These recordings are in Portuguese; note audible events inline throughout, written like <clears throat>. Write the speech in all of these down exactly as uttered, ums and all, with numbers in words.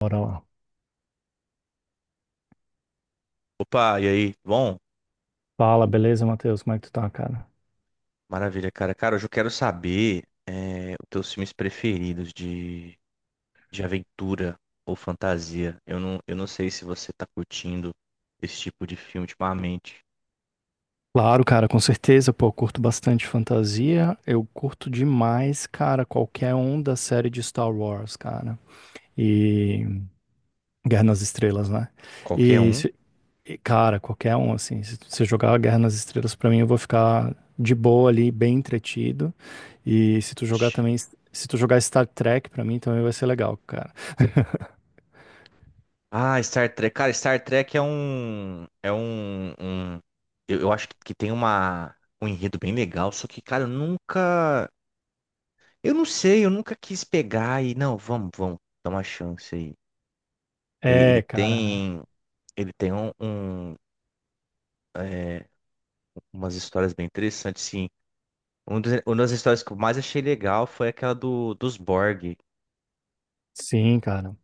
Bora lá. Opa, e aí? Bom, Fala, beleza, Matheus? Como é que tu tá, cara? maravilha, cara. Cara, hoje eu quero saber é, os teus filmes preferidos de, de aventura ou fantasia. Eu não, eu não sei se você tá curtindo esse tipo de filme ultimamente. Claro, cara, com certeza, pô, eu curto bastante fantasia. Eu curto demais, cara, qualquer um da série de Star Wars, cara. E Guerra nas Estrelas, né? Qualquer E, um? se- e, cara, qualquer um, assim, se você jogar Guerra nas Estrelas pra mim, eu vou ficar de boa ali, bem entretido. E se tu jogar Oxi. também, se tu jogar Star Trek pra mim, também vai ser legal, cara. Ah, Star Trek. Cara, Star Trek é um. É um. um- eu, eu acho que tem uma, um enredo bem legal, só que, cara, eu nunca. Eu não sei, eu nunca quis pegar e. Não, vamos, vamos, dá uma chance aí. Ele, ele É, cara. tem. Ele tem um, um- umas histórias bem interessantes, sim. Um dos- uma das histórias que eu mais achei legal foi aquela do, dos Borg. Sim, cara.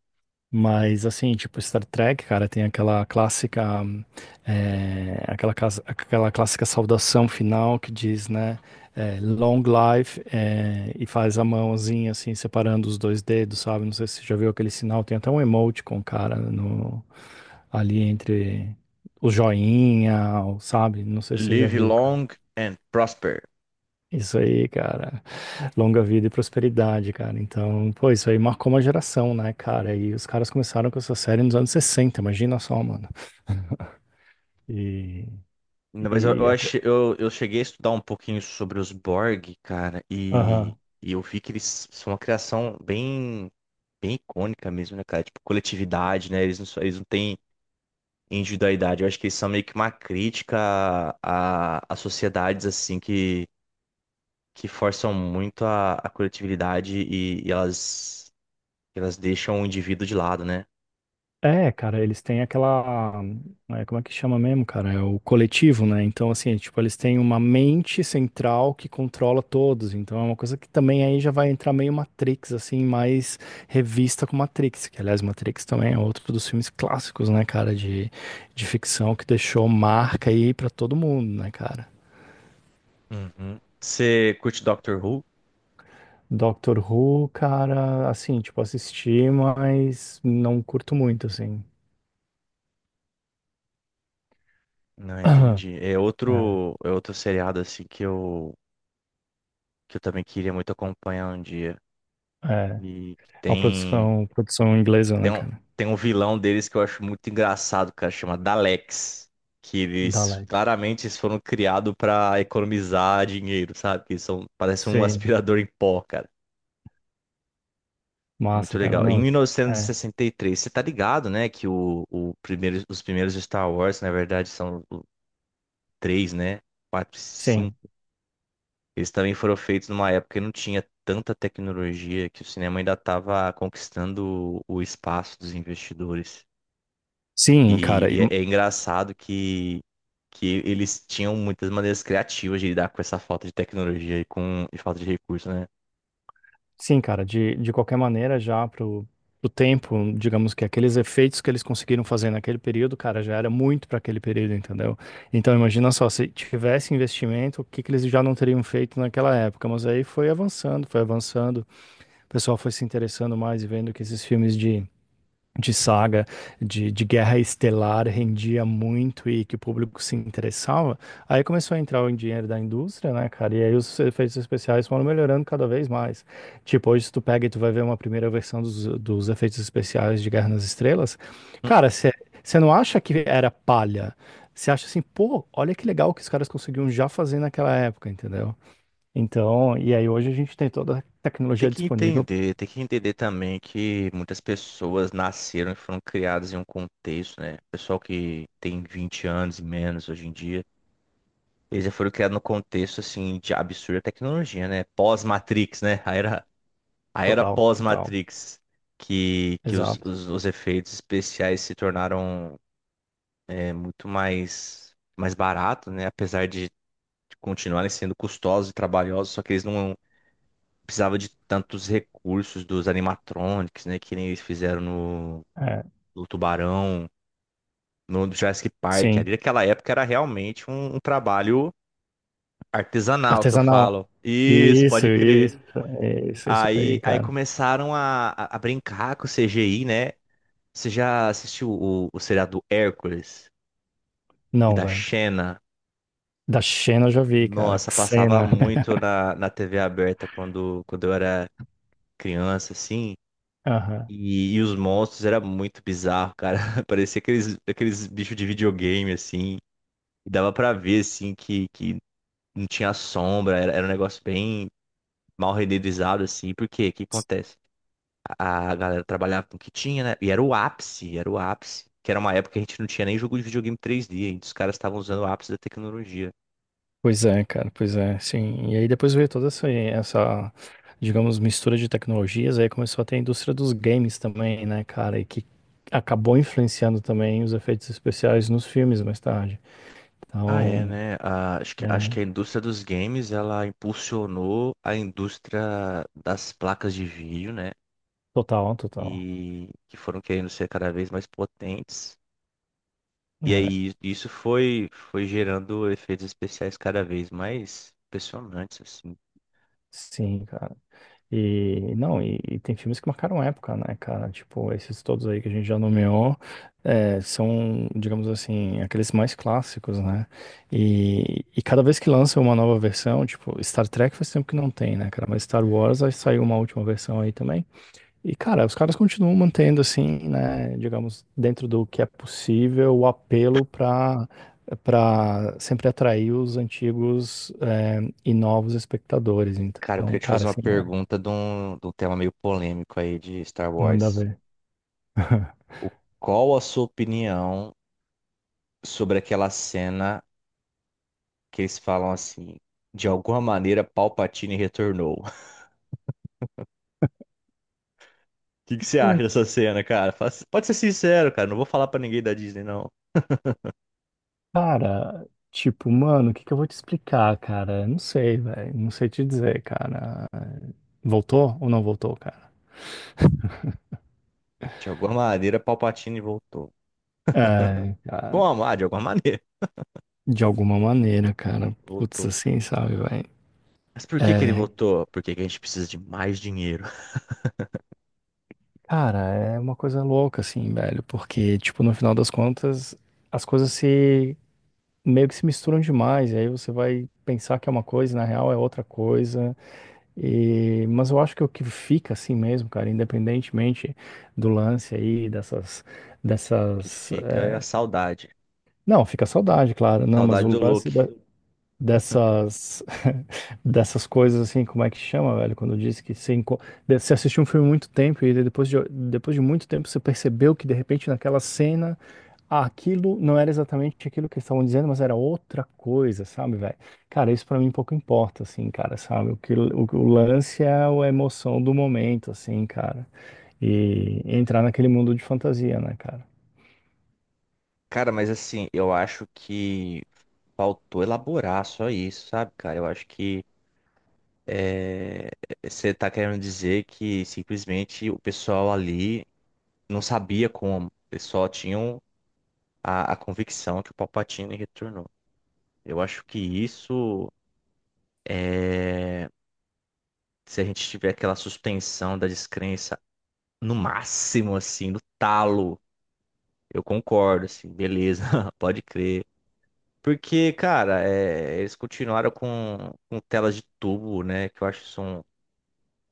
Mas assim, tipo, Star Trek, cara, tem aquela clássica, hum, eh, aquela, casa- aquela clássica saudação final que diz, né, eh, Long Life, eh, e faz a mãozinha assim, separando os dois dedos, sabe? Não sei se você já viu aquele sinal. Tem até um emoticon, cara, no, ali entre o joinha, o- sabe? Não sei se você já Live viu. long and prosper. Isso aí, cara. Longa vida e prosperidade, cara. Então, pô, isso aí marcou uma geração, né, cara? E os caras começaram com essa série nos anos sessenta. Imagina só, mano. E, Não, mas eu, e eu, até. achei, eu, eu cheguei a estudar um pouquinho sobre os Borg, cara, e, Aham. e eu vi que eles são uma criação bem, bem icônica mesmo, né, cara? Tipo, coletividade, né? Eles não, só- eles não têm individualidade. Eu acho que eles são meio que uma crítica a, a, a sociedades, assim, que forçam muito a, a coletividade e, e elas, elas deixam o indivíduo de lado, né? É, cara, eles têm aquela. É, como é que chama mesmo, cara? É o coletivo, né? Então, assim, tipo, eles têm uma mente central que controla todos. Então, é uma coisa que também aí já vai entrar meio Matrix, assim, mais revista com Matrix. Que, aliás, Matrix também é outro dos filmes clássicos, né, cara? De, de ficção que deixou marca aí pra todo mundo, né, cara? Uhum. Você curte Doctor Who? Doctor Who, cara, assim, tipo, assisti, mas não curto muito, assim. Não, <clears throat> entendi. É É, outro, é outro seriado assim que eu, que eu também queria muito acompanhar um dia. é. E Uma tem, produção, produção inglesa, tem né, um, cara? tem um vilão deles que eu acho muito engraçado, cara, chama Daleks. Que Da eles Alex. claramente eles foram criados pra economizar dinheiro, sabe? Que eles são, parecem um Sim. aspirador em pó. Muito Massa, cara. legal. Em Não. É. mil novecentos e sessenta e três, você tá ligado, né? Que o, o primeiro, os primeiros Star Wars, na verdade, são o- três, né? Quatro e Sim. cinco. Eles também foram feitos numa época que não tinha tanta tecnologia, que o cinema ainda estava conquistando o espaço dos investidores. Sim, E, cara. e- e é, é engraçado que, que eles tinham muitas maneiras criativas de lidar com essa falta de tecnologia e com e falta de recurso, né? Sim, cara. De, de qualquer maneira, já pro, pro tempo, digamos que aqueles efeitos que eles conseguiram fazer naquele período, cara, já era muito para aquele período, entendeu? Então, imagina só, se tivesse investimento, o que que eles já não teriam feito naquela época? Mas aí foi avançando, foi avançando. O pessoal foi se interessando mais e vendo que esses filmes de de saga de, de guerra estelar rendia muito e que o público se interessava, aí começou a entrar o dinheiro da indústria, né, cara? E aí os efeitos especiais foram melhorando cada vez mais. Tipo, hoje se tu pega e tu vai ver uma primeira versão dos, dos efeitos especiais de Guerra nas Estrelas, cara, você não acha que era palha? Você acha assim, pô, olha que legal que os caras conseguiam já fazer naquela época, entendeu? Então, e aí hoje a gente tem toda a Tem tecnologia que disponível. entender, tem que entender também que muitas pessoas nasceram e foram criadas em um contexto, né? Pessoal que tem vinte anos e menos hoje em dia, eles já foram criados no contexto, assim, de absurda tecnologia, né? Pós-Matrix, né? A era, a era Total, total. pós-Matrix, que, que os, Exato. os, os efeitos especiais se tornaram é, muito mais, mais baratos, né? Apesar de continuarem sendo custosos e trabalhosos, só que eles não precisava de tantos recursos dos animatronics, né? Que nem eles fizeram no, É, no Tubarão, no Jurassic Park. sim. Ali naquela época era realmente um, um trabalho artesanal que eu Artesanal. falo. Isso, Isso, pode crer. isso, isso, isso Aí, aí, aí cara. começaram a, a, a brincar com o C G I, né? Você já assistiu o, o seriado do Hércules e Não, da velho. Xena? Da Xena eu já vi, cara. Nossa, passava Xena. muito <laughs> na, na T V aberta quando, quando eu era criança, assim. Aham. E, e os monstros era muito bizarro, cara. <laughs> Parecia aqueles, aqueles bichos de videogame, assim. E dava pra ver, assim, que, que não tinha sombra. Era, era um negócio bem mal renderizado, assim. Por quê? O que acontece? A, a galera trabalhava com o que tinha, né? E era o ápice, era o ápice. Que era uma época que a gente não tinha nem jogo de videogame três D. E os caras estavam usando o ápice da tecnologia. Pois é, cara, pois é, sim. E aí depois veio toda essa, essa, digamos, mistura de tecnologias, aí começou a ter a indústria dos games também, né, cara, e que acabou influenciando também os efeitos especiais nos filmes mais tarde. Ah, é, Então, né? Ah, acho que, acho que é, a indústria dos games, ela impulsionou a indústria das placas de vídeo, né? total, total. E que foram querendo ser cada vez mais potentes. E É, aí isso foi foi gerando efeitos especiais cada vez mais impressionantes, assim. sim, cara. E não, e, e tem filmes que marcaram época, né, cara? Tipo, esses todos aí que a gente já nomeou, é, são, digamos assim, aqueles mais clássicos, né? E, e cada vez que lança uma nova versão, tipo, Star Trek faz tempo que não tem, né, cara? Mas Star Wars aí saiu uma última versão aí também. E, cara, os caras continuam mantendo, assim, né, digamos, dentro do que é possível, o apelo para para sempre atrair os antigos, é, e novos espectadores. Cara, eu queria Então, te cara, fazer uma assim, é. pergunta de um, de um tema meio polêmico aí de Star Manda Wars. ver. <laughs> O, qual a sua opinião sobre aquela cena que eles falam assim, de alguma maneira Palpatine retornou? <laughs> O que que você É. acha dessa cena, cara? Fala- pode ser sincero, cara, não vou falar pra ninguém da Disney, não. Cara, tipo, mano, o que que eu vou te explicar, cara? Não sei, velho. Não sei te dizer, cara. Voltou ou não voltou, cara? De alguma maneira Palpatine voltou. É, cara. Como? Ah, de alguma <laughs> maneira. De alguma maneira, cara. Putz, Voltou. assim, sabe, velho? Mas por que que ele É, voltou? Porque que a gente precisa de mais dinheiro. <laughs> cara, é uma coisa louca, assim, velho. Porque, tipo, no final das contas, as coisas se, meio que se misturam demais. E aí você vai pensar que é uma coisa e na real é outra coisa. E, mas eu acho que o que fica assim mesmo, cara, independentemente do lance aí, dessas, O que dessas. fica eh, é a saudade. Não, fica a saudade, claro, não, mas Saudade o do Luke. lance da- dessas, <laughs> dessas coisas assim, como é que chama, velho? Quando diz que você, enco- de- você assistiu um filme há muito tempo e depois de, depois de muito tempo você percebeu que de repente naquela cena, aquilo não era exatamente aquilo que eles estavam dizendo, mas era outra coisa, sabe, velho? Cara, isso pra mim pouco importa, assim, cara, sabe? O que o, o lance é a emoção do momento, assim, cara. E entrar naquele mundo de fantasia, né, cara? Cara, mas assim, eu acho que faltou elaborar só isso, sabe, cara? Eu acho que é, você tá querendo dizer que simplesmente o pessoal ali não sabia como. Eles só tinham a, a convicção que o Palpatine retornou. Eu acho que isso é. Se a gente tiver aquela suspensão da descrença no máximo, assim, no talo. Eu concordo, assim, beleza, <laughs> pode crer. Porque, cara, é, eles continuaram com, com telas de tubo, né? Que eu acho que são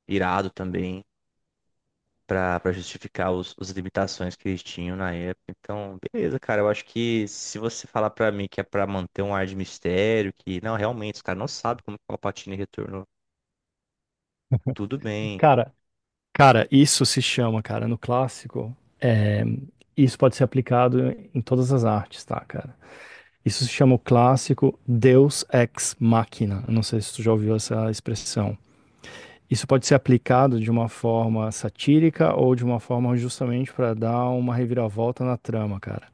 irado também pra pra justificar os, as limitações que eles tinham na época. Então, beleza, cara. Eu acho que se você falar pra mim que é pra manter um ar de mistério, que não, realmente, os caras não sabem como que o Palpatine retornou, tudo bem. Cara, cara, isso se chama, cara, no clássico, é, isso pode ser aplicado em todas as artes, tá, cara? Isso se chama o clássico Deus ex machina. Eu não sei se tu já ouviu essa expressão. Isso pode ser aplicado de uma forma satírica ou de uma forma justamente para dar uma reviravolta na trama, cara.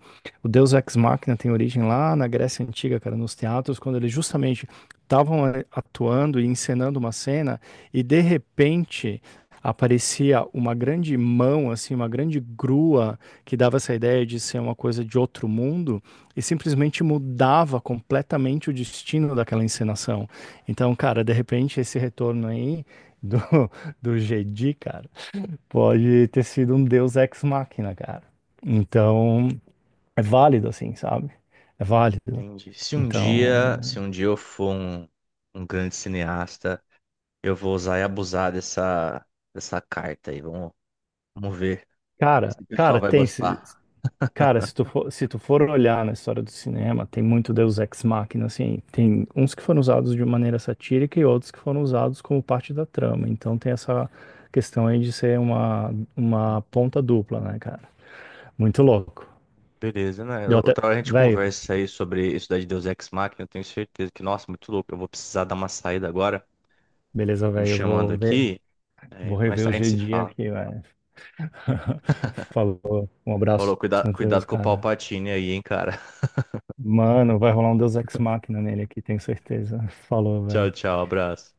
O Deus Ex Machina tem origem lá na Grécia Antiga, cara, nos teatros, quando eles justamente estavam eh, atuando e encenando uma cena e de repente aparecia uma grande mão, assim, uma grande grua que dava essa ideia de ser uma coisa de outro mundo e simplesmente mudava completamente o destino daquela encenação. Então, cara, de repente esse retorno aí <laughs> do, do Jedi, cara, pode ter sido um deus ex machina, cara. Então, é válido, assim, sabe? É válido. Entendi. Se um dia, Então, se um dia eu for um, um grande cineasta. Eu vou usar e abusar dessa, dessa carta aí. Vamos, vamos ver cara, se o pessoal cara, vai tem. Se, gostar. cara, se tu for, se tu for olhar na história do cinema, tem muito deus ex machina, assim. Tem uns que foram usados de maneira satírica e outros que foram usados como parte da trama. Então, tem essa questão aí de ser uma, Uhum. uma ponta dupla, né, cara? Muito louco. Beleza, né? Deu O- até. outra hora a gente Velho, conversa aí sobre isso daí de Deus Ex Machina. Eu tenho certeza que, nossa, muito louco. Eu vou precisar dar uma saída agora, beleza, me velho, eu chamando vou ver. aqui. Vou É, mas rever o a gente g se D fala. aqui, velho. <laughs> Falou. Um abraço, Falou, cuida, Matheus, cuidado com o cara. Palpatine aí, hein, cara. <laughs> Mano, vai rolar um Deus Ex Machina nele aqui, tenho certeza. <laughs> Falou, Tchau, velho. tchau, abraço.